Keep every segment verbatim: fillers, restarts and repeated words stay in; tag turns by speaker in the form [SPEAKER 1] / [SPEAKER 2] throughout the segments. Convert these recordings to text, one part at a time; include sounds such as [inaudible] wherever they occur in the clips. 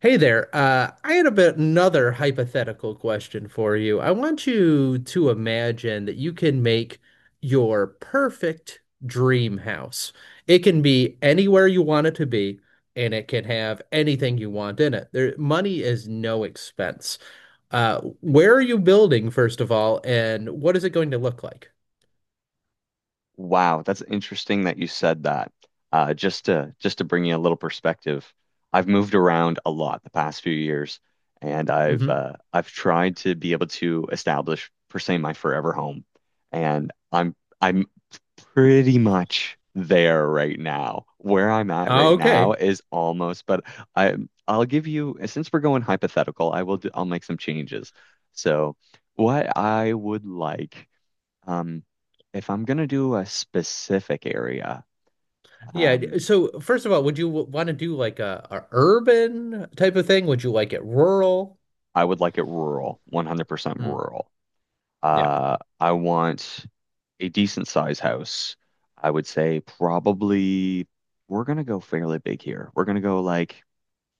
[SPEAKER 1] Hey there. Uh, I had a bit another hypothetical question for you. I want you to imagine that you can make your perfect dream house. It can be anywhere you want it to be, and it can have anything you want in it. There, money is no expense. Uh, where are you building, first of all, and what is it going to look like?
[SPEAKER 2] Wow, that's interesting that you said that. Uh, just to just to bring you a little perspective, I've moved around a lot the past few years, and I've
[SPEAKER 1] Hmm.
[SPEAKER 2] uh, I've tried to be able to establish per se my forever home, and I'm I'm pretty much there right now. Where I'm at right now
[SPEAKER 1] Okay.
[SPEAKER 2] is almost, but I I'll give you, since we're going hypothetical, I will do, I'll make some changes. So. What I would like, um, if I'm gonna do a specific area,
[SPEAKER 1] Yeah.
[SPEAKER 2] um,
[SPEAKER 1] So, first of all, would you want to do like a, a urban type of thing? Would you like it rural?
[SPEAKER 2] I would like it rural, one hundred percent rural.
[SPEAKER 1] Yeah,
[SPEAKER 2] Uh, I want a decent size house. I would say probably we're gonna go fairly big here. We're gonna go like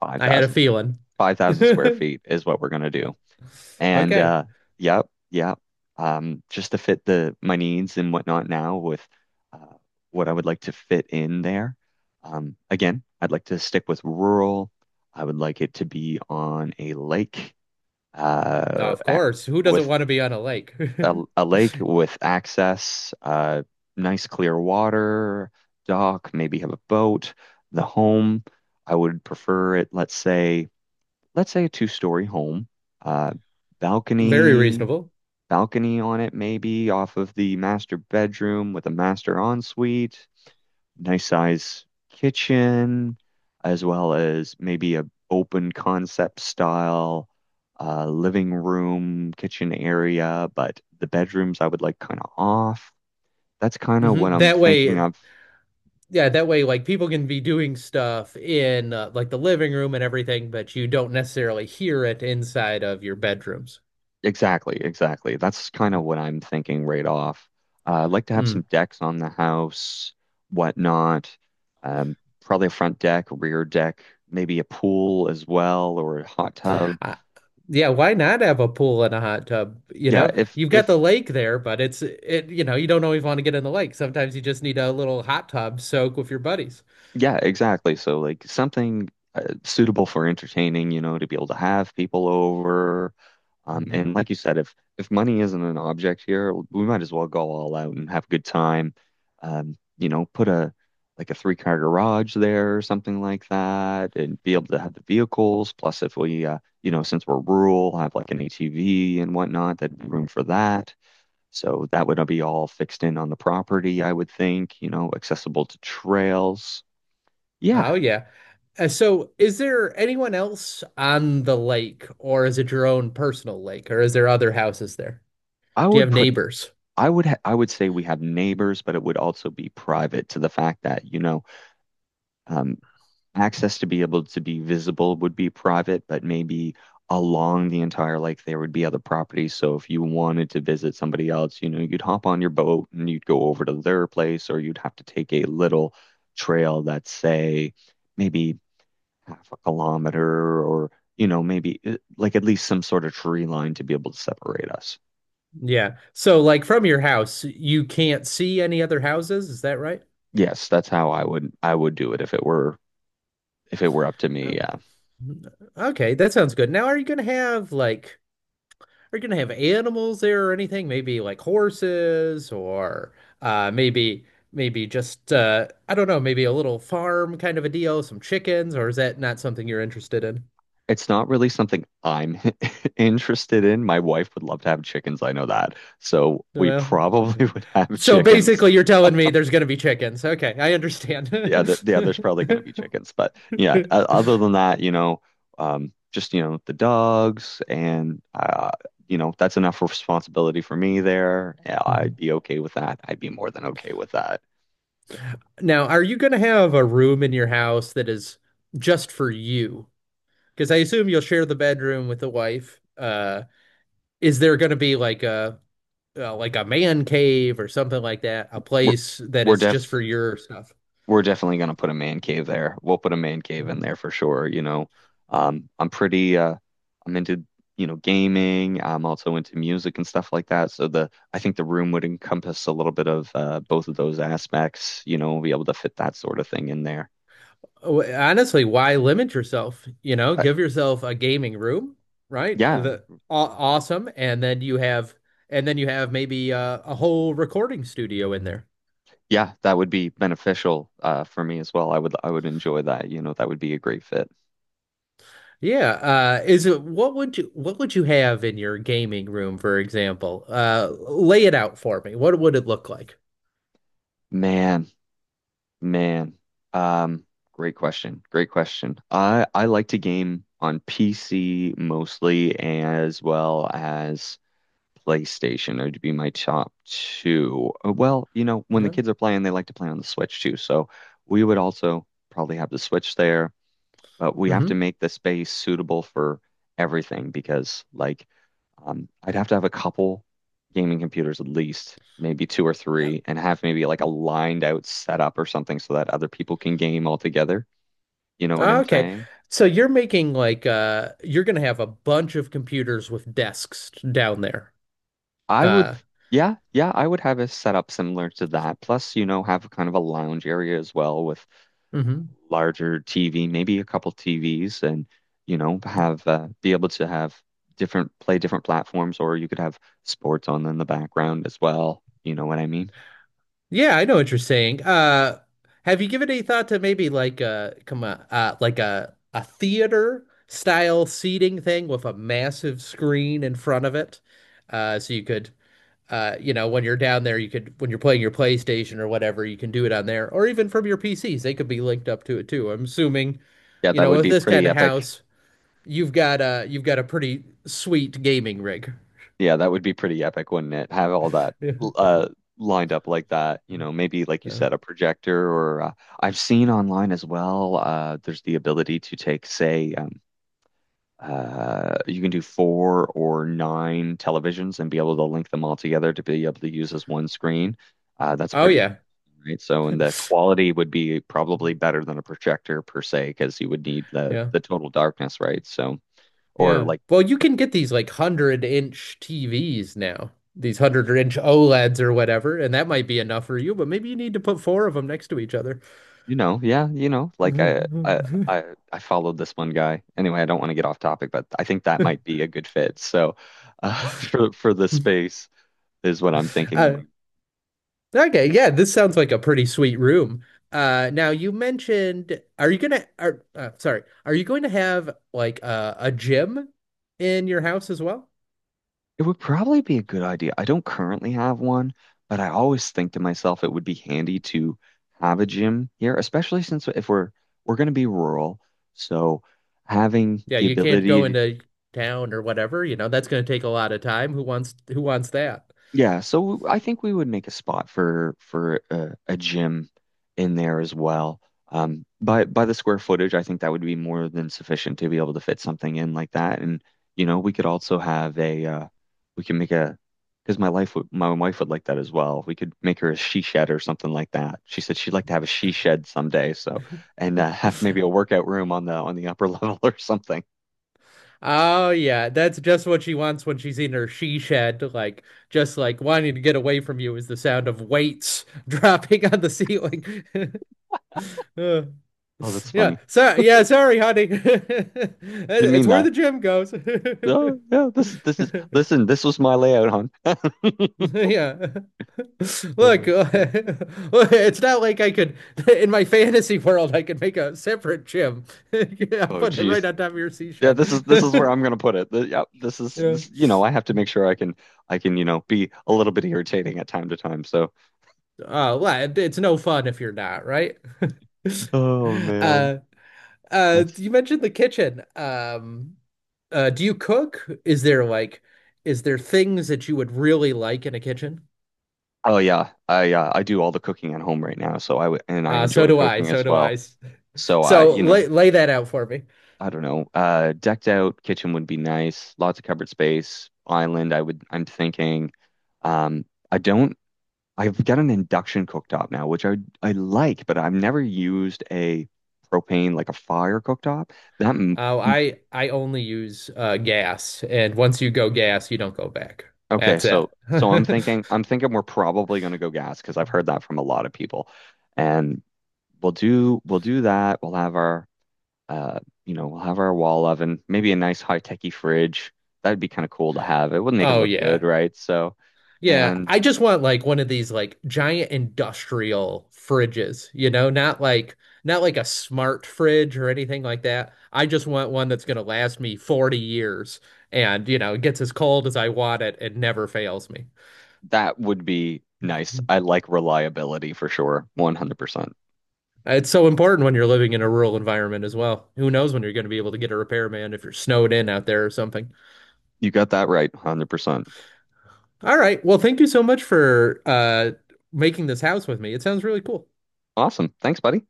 [SPEAKER 2] five
[SPEAKER 1] I had a
[SPEAKER 2] thousand,
[SPEAKER 1] feeling.
[SPEAKER 2] five
[SPEAKER 1] [laughs]
[SPEAKER 2] thousand square feet is what we're gonna do. And
[SPEAKER 1] Okay.
[SPEAKER 2] uh yep, yep. Um just to fit the my needs and whatnot, now with uh what I would like to fit in there. Um again, I'd like to stick with rural. I would like it to be on a lake, uh
[SPEAKER 1] Of
[SPEAKER 2] ac-
[SPEAKER 1] course. Who doesn't
[SPEAKER 2] with
[SPEAKER 1] want to be on a lake?
[SPEAKER 2] a, a lake
[SPEAKER 1] [laughs]
[SPEAKER 2] with access, uh nice clear water, dock, maybe have a boat, the home. I would prefer it, let's say, let's say a two-story home. Uh
[SPEAKER 1] Very
[SPEAKER 2] balcony
[SPEAKER 1] reasonable.
[SPEAKER 2] balcony on it, maybe off of the master bedroom with a master ensuite, nice size kitchen, as well as maybe a open concept style, uh, living room, kitchen area, but the bedrooms I would like kind of off. That's kind of what
[SPEAKER 1] Hmm.
[SPEAKER 2] I'm
[SPEAKER 1] That
[SPEAKER 2] thinking
[SPEAKER 1] way,
[SPEAKER 2] of.
[SPEAKER 1] yeah, that way, like people can be doing stuff in uh, like the living room and everything, but you don't necessarily hear it inside of your bedrooms.
[SPEAKER 2] Exactly, exactly. That's kind of
[SPEAKER 1] Mhm.
[SPEAKER 2] what I'm thinking right off. Uh, I'd like to have
[SPEAKER 1] Mm.
[SPEAKER 2] some decks on the house, whatnot. Um, probably a front deck, rear deck, maybe a pool as well, or a hot tub.
[SPEAKER 1] Uh, yeah, why not have a pool and a hot tub? You
[SPEAKER 2] Yeah,
[SPEAKER 1] know,
[SPEAKER 2] if
[SPEAKER 1] you've got
[SPEAKER 2] if
[SPEAKER 1] the lake there, but it's it, you know, you don't always want to get in the lake. Sometimes you just need a little hot tub soak with your buddies.
[SPEAKER 2] yeah, exactly. So like something uh, suitable for entertaining, you know, to be able to have people over. Um,
[SPEAKER 1] Mhm.
[SPEAKER 2] and like you said, if if money isn't an object here, we might as well go all out and have a good time. Um, you know, put a like a three car garage there or something like that, and be able to have the vehicles. Plus, if we, uh, you know, since we're rural, have like an A T V and whatnot, that'd be room for that. So that would be all fixed in on the property, I would think. You know, accessible to trails.
[SPEAKER 1] Oh
[SPEAKER 2] Yeah,
[SPEAKER 1] yeah. Uh, so is there anyone else on the lake, or is it your own personal lake, or is there other houses there?
[SPEAKER 2] I
[SPEAKER 1] Do you
[SPEAKER 2] would
[SPEAKER 1] have
[SPEAKER 2] put.
[SPEAKER 1] neighbors?
[SPEAKER 2] I would. Ha I would say we have neighbors, but it would also be private, to the fact that, you know. Um, Access to be able to be visible would be private, but maybe along the entire lake there would be other properties. So if you wanted to visit somebody else, you know, you'd hop on your boat and you'd go over to their place, or you'd have to take a little trail that's, say, maybe half a kilometer, or, you know, maybe eh, like at least some sort of tree line to be able to separate us.
[SPEAKER 1] Yeah. So like from your house, you can't see any other houses, is that right?
[SPEAKER 2] Yes, that's how I would I would do it if it were if it were up to
[SPEAKER 1] Oh,
[SPEAKER 2] me. Yeah.
[SPEAKER 1] okay, that sounds good. Now, are you gonna have like are you gonna have animals there or anything? Maybe like horses or uh maybe maybe just uh I don't know, maybe a little farm kind of a deal, some chickens, or is that not something you're interested in?
[SPEAKER 2] It's not really something I'm [laughs] interested in. My wife would love to have chickens, I know that. So we
[SPEAKER 1] Well.
[SPEAKER 2] probably [laughs] would have
[SPEAKER 1] So
[SPEAKER 2] chickens.
[SPEAKER 1] basically, you're telling me there's going to be chickens. Okay, I understand.
[SPEAKER 2] The other,
[SPEAKER 1] [laughs]
[SPEAKER 2] the other's probably going to be chickens, but yeah. o- Other than that, you know, um, just, you know, the dogs and uh, you know, that's enough responsibility for me there. Yeah, I'd
[SPEAKER 1] Mhm.
[SPEAKER 2] be okay with that. I'd be more than okay with that.
[SPEAKER 1] Now, are you going to have a room in your house that is just for you? Because I assume you'll share the bedroom with the wife. Uh, is there going to be like a uh, like a man cave or something like that? A
[SPEAKER 2] We're
[SPEAKER 1] place that
[SPEAKER 2] we're
[SPEAKER 1] is
[SPEAKER 2] def
[SPEAKER 1] just for your stuff?
[SPEAKER 2] we're definitely gonna put a man cave there. We'll put a man cave in there for sure, you know. Um, I'm pretty uh I'm into, you know, gaming. I'm also into music and stuff like that. So the I think the room would encompass a little bit of uh both of those aspects, you know, be able to fit that sort of thing in there.
[SPEAKER 1] Oh, honestly, why limit yourself? You know,
[SPEAKER 2] But
[SPEAKER 1] give yourself a gaming room, right?
[SPEAKER 2] yeah,
[SPEAKER 1] The aw Awesome, and then you have, and then you have maybe uh, a whole recording studio in there.
[SPEAKER 2] yeah, that would be beneficial uh for me as well. I would I would enjoy that, you know, that would be a great fit.
[SPEAKER 1] Yeah, uh, is it what would you what would you have in your gaming room, for example? Uh, lay it out for me. What would it look like?
[SPEAKER 2] Man. Man, um, great question. Great question. I I like to game on P C mostly, as well as PlayStation. Those would be my top two. Uh, Well, you know, when the
[SPEAKER 1] Yeah.
[SPEAKER 2] kids are playing, they like to play on the Switch too. So we would also probably have the Switch there, but we have to
[SPEAKER 1] Hmm.
[SPEAKER 2] make the space suitable for everything, because like, um, I'd have to have a couple gaming computers at least, maybe two or three, and have maybe like a lined out setup or something so that other people can game all together. You know what I'm
[SPEAKER 1] Okay.
[SPEAKER 2] saying?
[SPEAKER 1] So you're making like uh, you're gonna have a bunch of computers with desks down there.
[SPEAKER 2] I would,
[SPEAKER 1] Uh,
[SPEAKER 2] yeah, yeah, I would have a setup similar to that. Plus, you know, have kind of a lounge area as well with
[SPEAKER 1] mhm.
[SPEAKER 2] larger T V, maybe a couple T Vs, and you know, have uh, be able to have different play different platforms, or you could have sports on in the background as well. You know what I mean?
[SPEAKER 1] Yeah, I know what you're saying. Uh, have you given any thought to maybe like a come on, uh, like a a theater style seating thing with a massive screen in front of it, uh, so you could, uh, you know, when you're down there, you could when you're playing your PlayStation or whatever, you can do it on there, or even from your P Cs, they could be linked up to it too. I'm assuming,
[SPEAKER 2] Yeah,
[SPEAKER 1] you
[SPEAKER 2] that
[SPEAKER 1] know,
[SPEAKER 2] would
[SPEAKER 1] with
[SPEAKER 2] be
[SPEAKER 1] this kind
[SPEAKER 2] pretty
[SPEAKER 1] of
[SPEAKER 2] epic.
[SPEAKER 1] house, you've got a you've got a pretty sweet gaming rig.
[SPEAKER 2] Yeah, that would be pretty epic, wouldn't it? Have all that
[SPEAKER 1] [laughs]
[SPEAKER 2] uh lined up like that, you know, maybe like you
[SPEAKER 1] Yeah.
[SPEAKER 2] said, a projector, or uh, I've seen online as well, uh there's the ability to take, say, um uh you can do four or nine televisions and be able to link them all together to be able to use as one screen. Uh that's
[SPEAKER 1] Oh
[SPEAKER 2] pretty
[SPEAKER 1] yeah.
[SPEAKER 2] right. So, and
[SPEAKER 1] [laughs]
[SPEAKER 2] the quality would be probably better than a projector per se, because you would need the
[SPEAKER 1] Yeah.
[SPEAKER 2] the total darkness, right? So or
[SPEAKER 1] Yeah.
[SPEAKER 2] like
[SPEAKER 1] Well, you can get these like one hundred inch T Vs now, these one hundred inch O L E Ds or whatever, and that might be enough for you, but maybe you need to put four of them next to each other.
[SPEAKER 2] You know, yeah, you know, like I, I,
[SPEAKER 1] [laughs]
[SPEAKER 2] I, I followed this one guy. Anyway, I don't want to get off topic, but I think that might be a good fit. So, uh, [laughs] for for the space is what I'm thinking
[SPEAKER 1] Uh,
[SPEAKER 2] about.
[SPEAKER 1] okay. Yeah. This sounds like a pretty sweet room. Uh, now you mentioned, are you gonna, are, uh, sorry, are you going to have like a, a gym in your house as well?
[SPEAKER 2] It would probably be a good idea. I don't currently have one, but I always think to myself it would be handy to have a gym here, especially since if we're we're going to be rural, so having
[SPEAKER 1] Yeah.
[SPEAKER 2] the
[SPEAKER 1] You can't go
[SPEAKER 2] ability.
[SPEAKER 1] into town or whatever, you know, that's going to take a lot of time. Who wants, who wants that?
[SPEAKER 2] Yeah, so I think we would make a spot for for a, a gym in there as well. Um, by by the square footage, I think that would be more than sufficient to be able to fit something in like that. And you know, we could also have a uh, we can make a, because my life would my wife would like that as well. We could make her a she shed or something like that. She said she'd like to have a she shed someday. So, and uh, [laughs] have maybe a workout room on the on the upper [laughs] level or something.
[SPEAKER 1] Oh yeah, that's just what she wants when she's in her she shed, like just like wanting to get away from you is the sound of weights [laughs] dropping on the ceiling. [laughs] Uh,
[SPEAKER 2] Oh, that's
[SPEAKER 1] yeah,
[SPEAKER 2] funny.
[SPEAKER 1] so yeah, sorry, honey. [laughs] It-
[SPEAKER 2] Didn't
[SPEAKER 1] It's
[SPEAKER 2] mean
[SPEAKER 1] where
[SPEAKER 2] that.
[SPEAKER 1] the gym goes. [laughs]
[SPEAKER 2] Oh, yeah, this this is, listen. This was my layout, hon. [laughs]
[SPEAKER 1] Yeah. [laughs] Look,
[SPEAKER 2] Uh,
[SPEAKER 1] [laughs] it's not like I could [laughs] in my fantasy world I could make a separate gym. [laughs] Yeah,
[SPEAKER 2] oh
[SPEAKER 1] put it right
[SPEAKER 2] geez.
[SPEAKER 1] on top of your sea
[SPEAKER 2] Yeah, this is
[SPEAKER 1] shed.
[SPEAKER 2] this is where
[SPEAKER 1] [laughs]
[SPEAKER 2] I'm gonna put it. Th- yeah, this is
[SPEAKER 1] Yeah.
[SPEAKER 2] this, you know, I have to make sure I can I can, you know, be a little bit irritating at time to time. So,
[SPEAKER 1] Uh, well, it's no fun if you're not, right? [laughs]
[SPEAKER 2] oh man,
[SPEAKER 1] Uh, uh,
[SPEAKER 2] that's.
[SPEAKER 1] you mentioned the kitchen. Um, uh, do you cook? Is there like, is there things that you would really like in a kitchen?
[SPEAKER 2] Oh yeah, I uh, I do all the cooking at home right now, so I would, and I
[SPEAKER 1] Uh, so
[SPEAKER 2] enjoy
[SPEAKER 1] do I.
[SPEAKER 2] cooking
[SPEAKER 1] So
[SPEAKER 2] as
[SPEAKER 1] do
[SPEAKER 2] well.
[SPEAKER 1] I.
[SPEAKER 2] So I,
[SPEAKER 1] So
[SPEAKER 2] you know,
[SPEAKER 1] lay lay that out for me.
[SPEAKER 2] I don't know. Uh, decked out kitchen would be nice. Lots of cupboard space. Island, I would I'm thinking. Um, I don't I've got an induction cooktop now, which I I like, but I've never used a propane, like a fire cooktop. That m
[SPEAKER 1] Uh,
[SPEAKER 2] m-
[SPEAKER 1] I I only use uh gas, and once you go gas, you don't go back.
[SPEAKER 2] okay,
[SPEAKER 1] That's it.
[SPEAKER 2] so so I'm thinking,
[SPEAKER 1] [laughs]
[SPEAKER 2] I'm thinking we're probably going to go gas because I've heard that from a lot of people. And we'll do we'll do that. We'll have our uh you know, we'll have our wall oven, maybe a nice high-techy fridge. That'd be kind of cool to have. It would make it
[SPEAKER 1] Oh
[SPEAKER 2] look good,
[SPEAKER 1] yeah.
[SPEAKER 2] right? So,
[SPEAKER 1] Yeah,
[SPEAKER 2] and
[SPEAKER 1] I just want like one of these like giant industrial fridges, you know, not like not like a smart fridge or anything like that. I just want one that's gonna last me forty years and, you know, it gets as cold as I want it and never fails me.
[SPEAKER 2] that would be nice. I like reliability for sure. one hundred percent.
[SPEAKER 1] It's so important when you're living in a rural environment as well. Who knows when you're going to be able to get a repairman if you're snowed in out there or something.
[SPEAKER 2] You got that right. one hundred percent.
[SPEAKER 1] All right. Well, thank you so much for uh making this house with me. It sounds really cool.
[SPEAKER 2] Awesome. Thanks, buddy.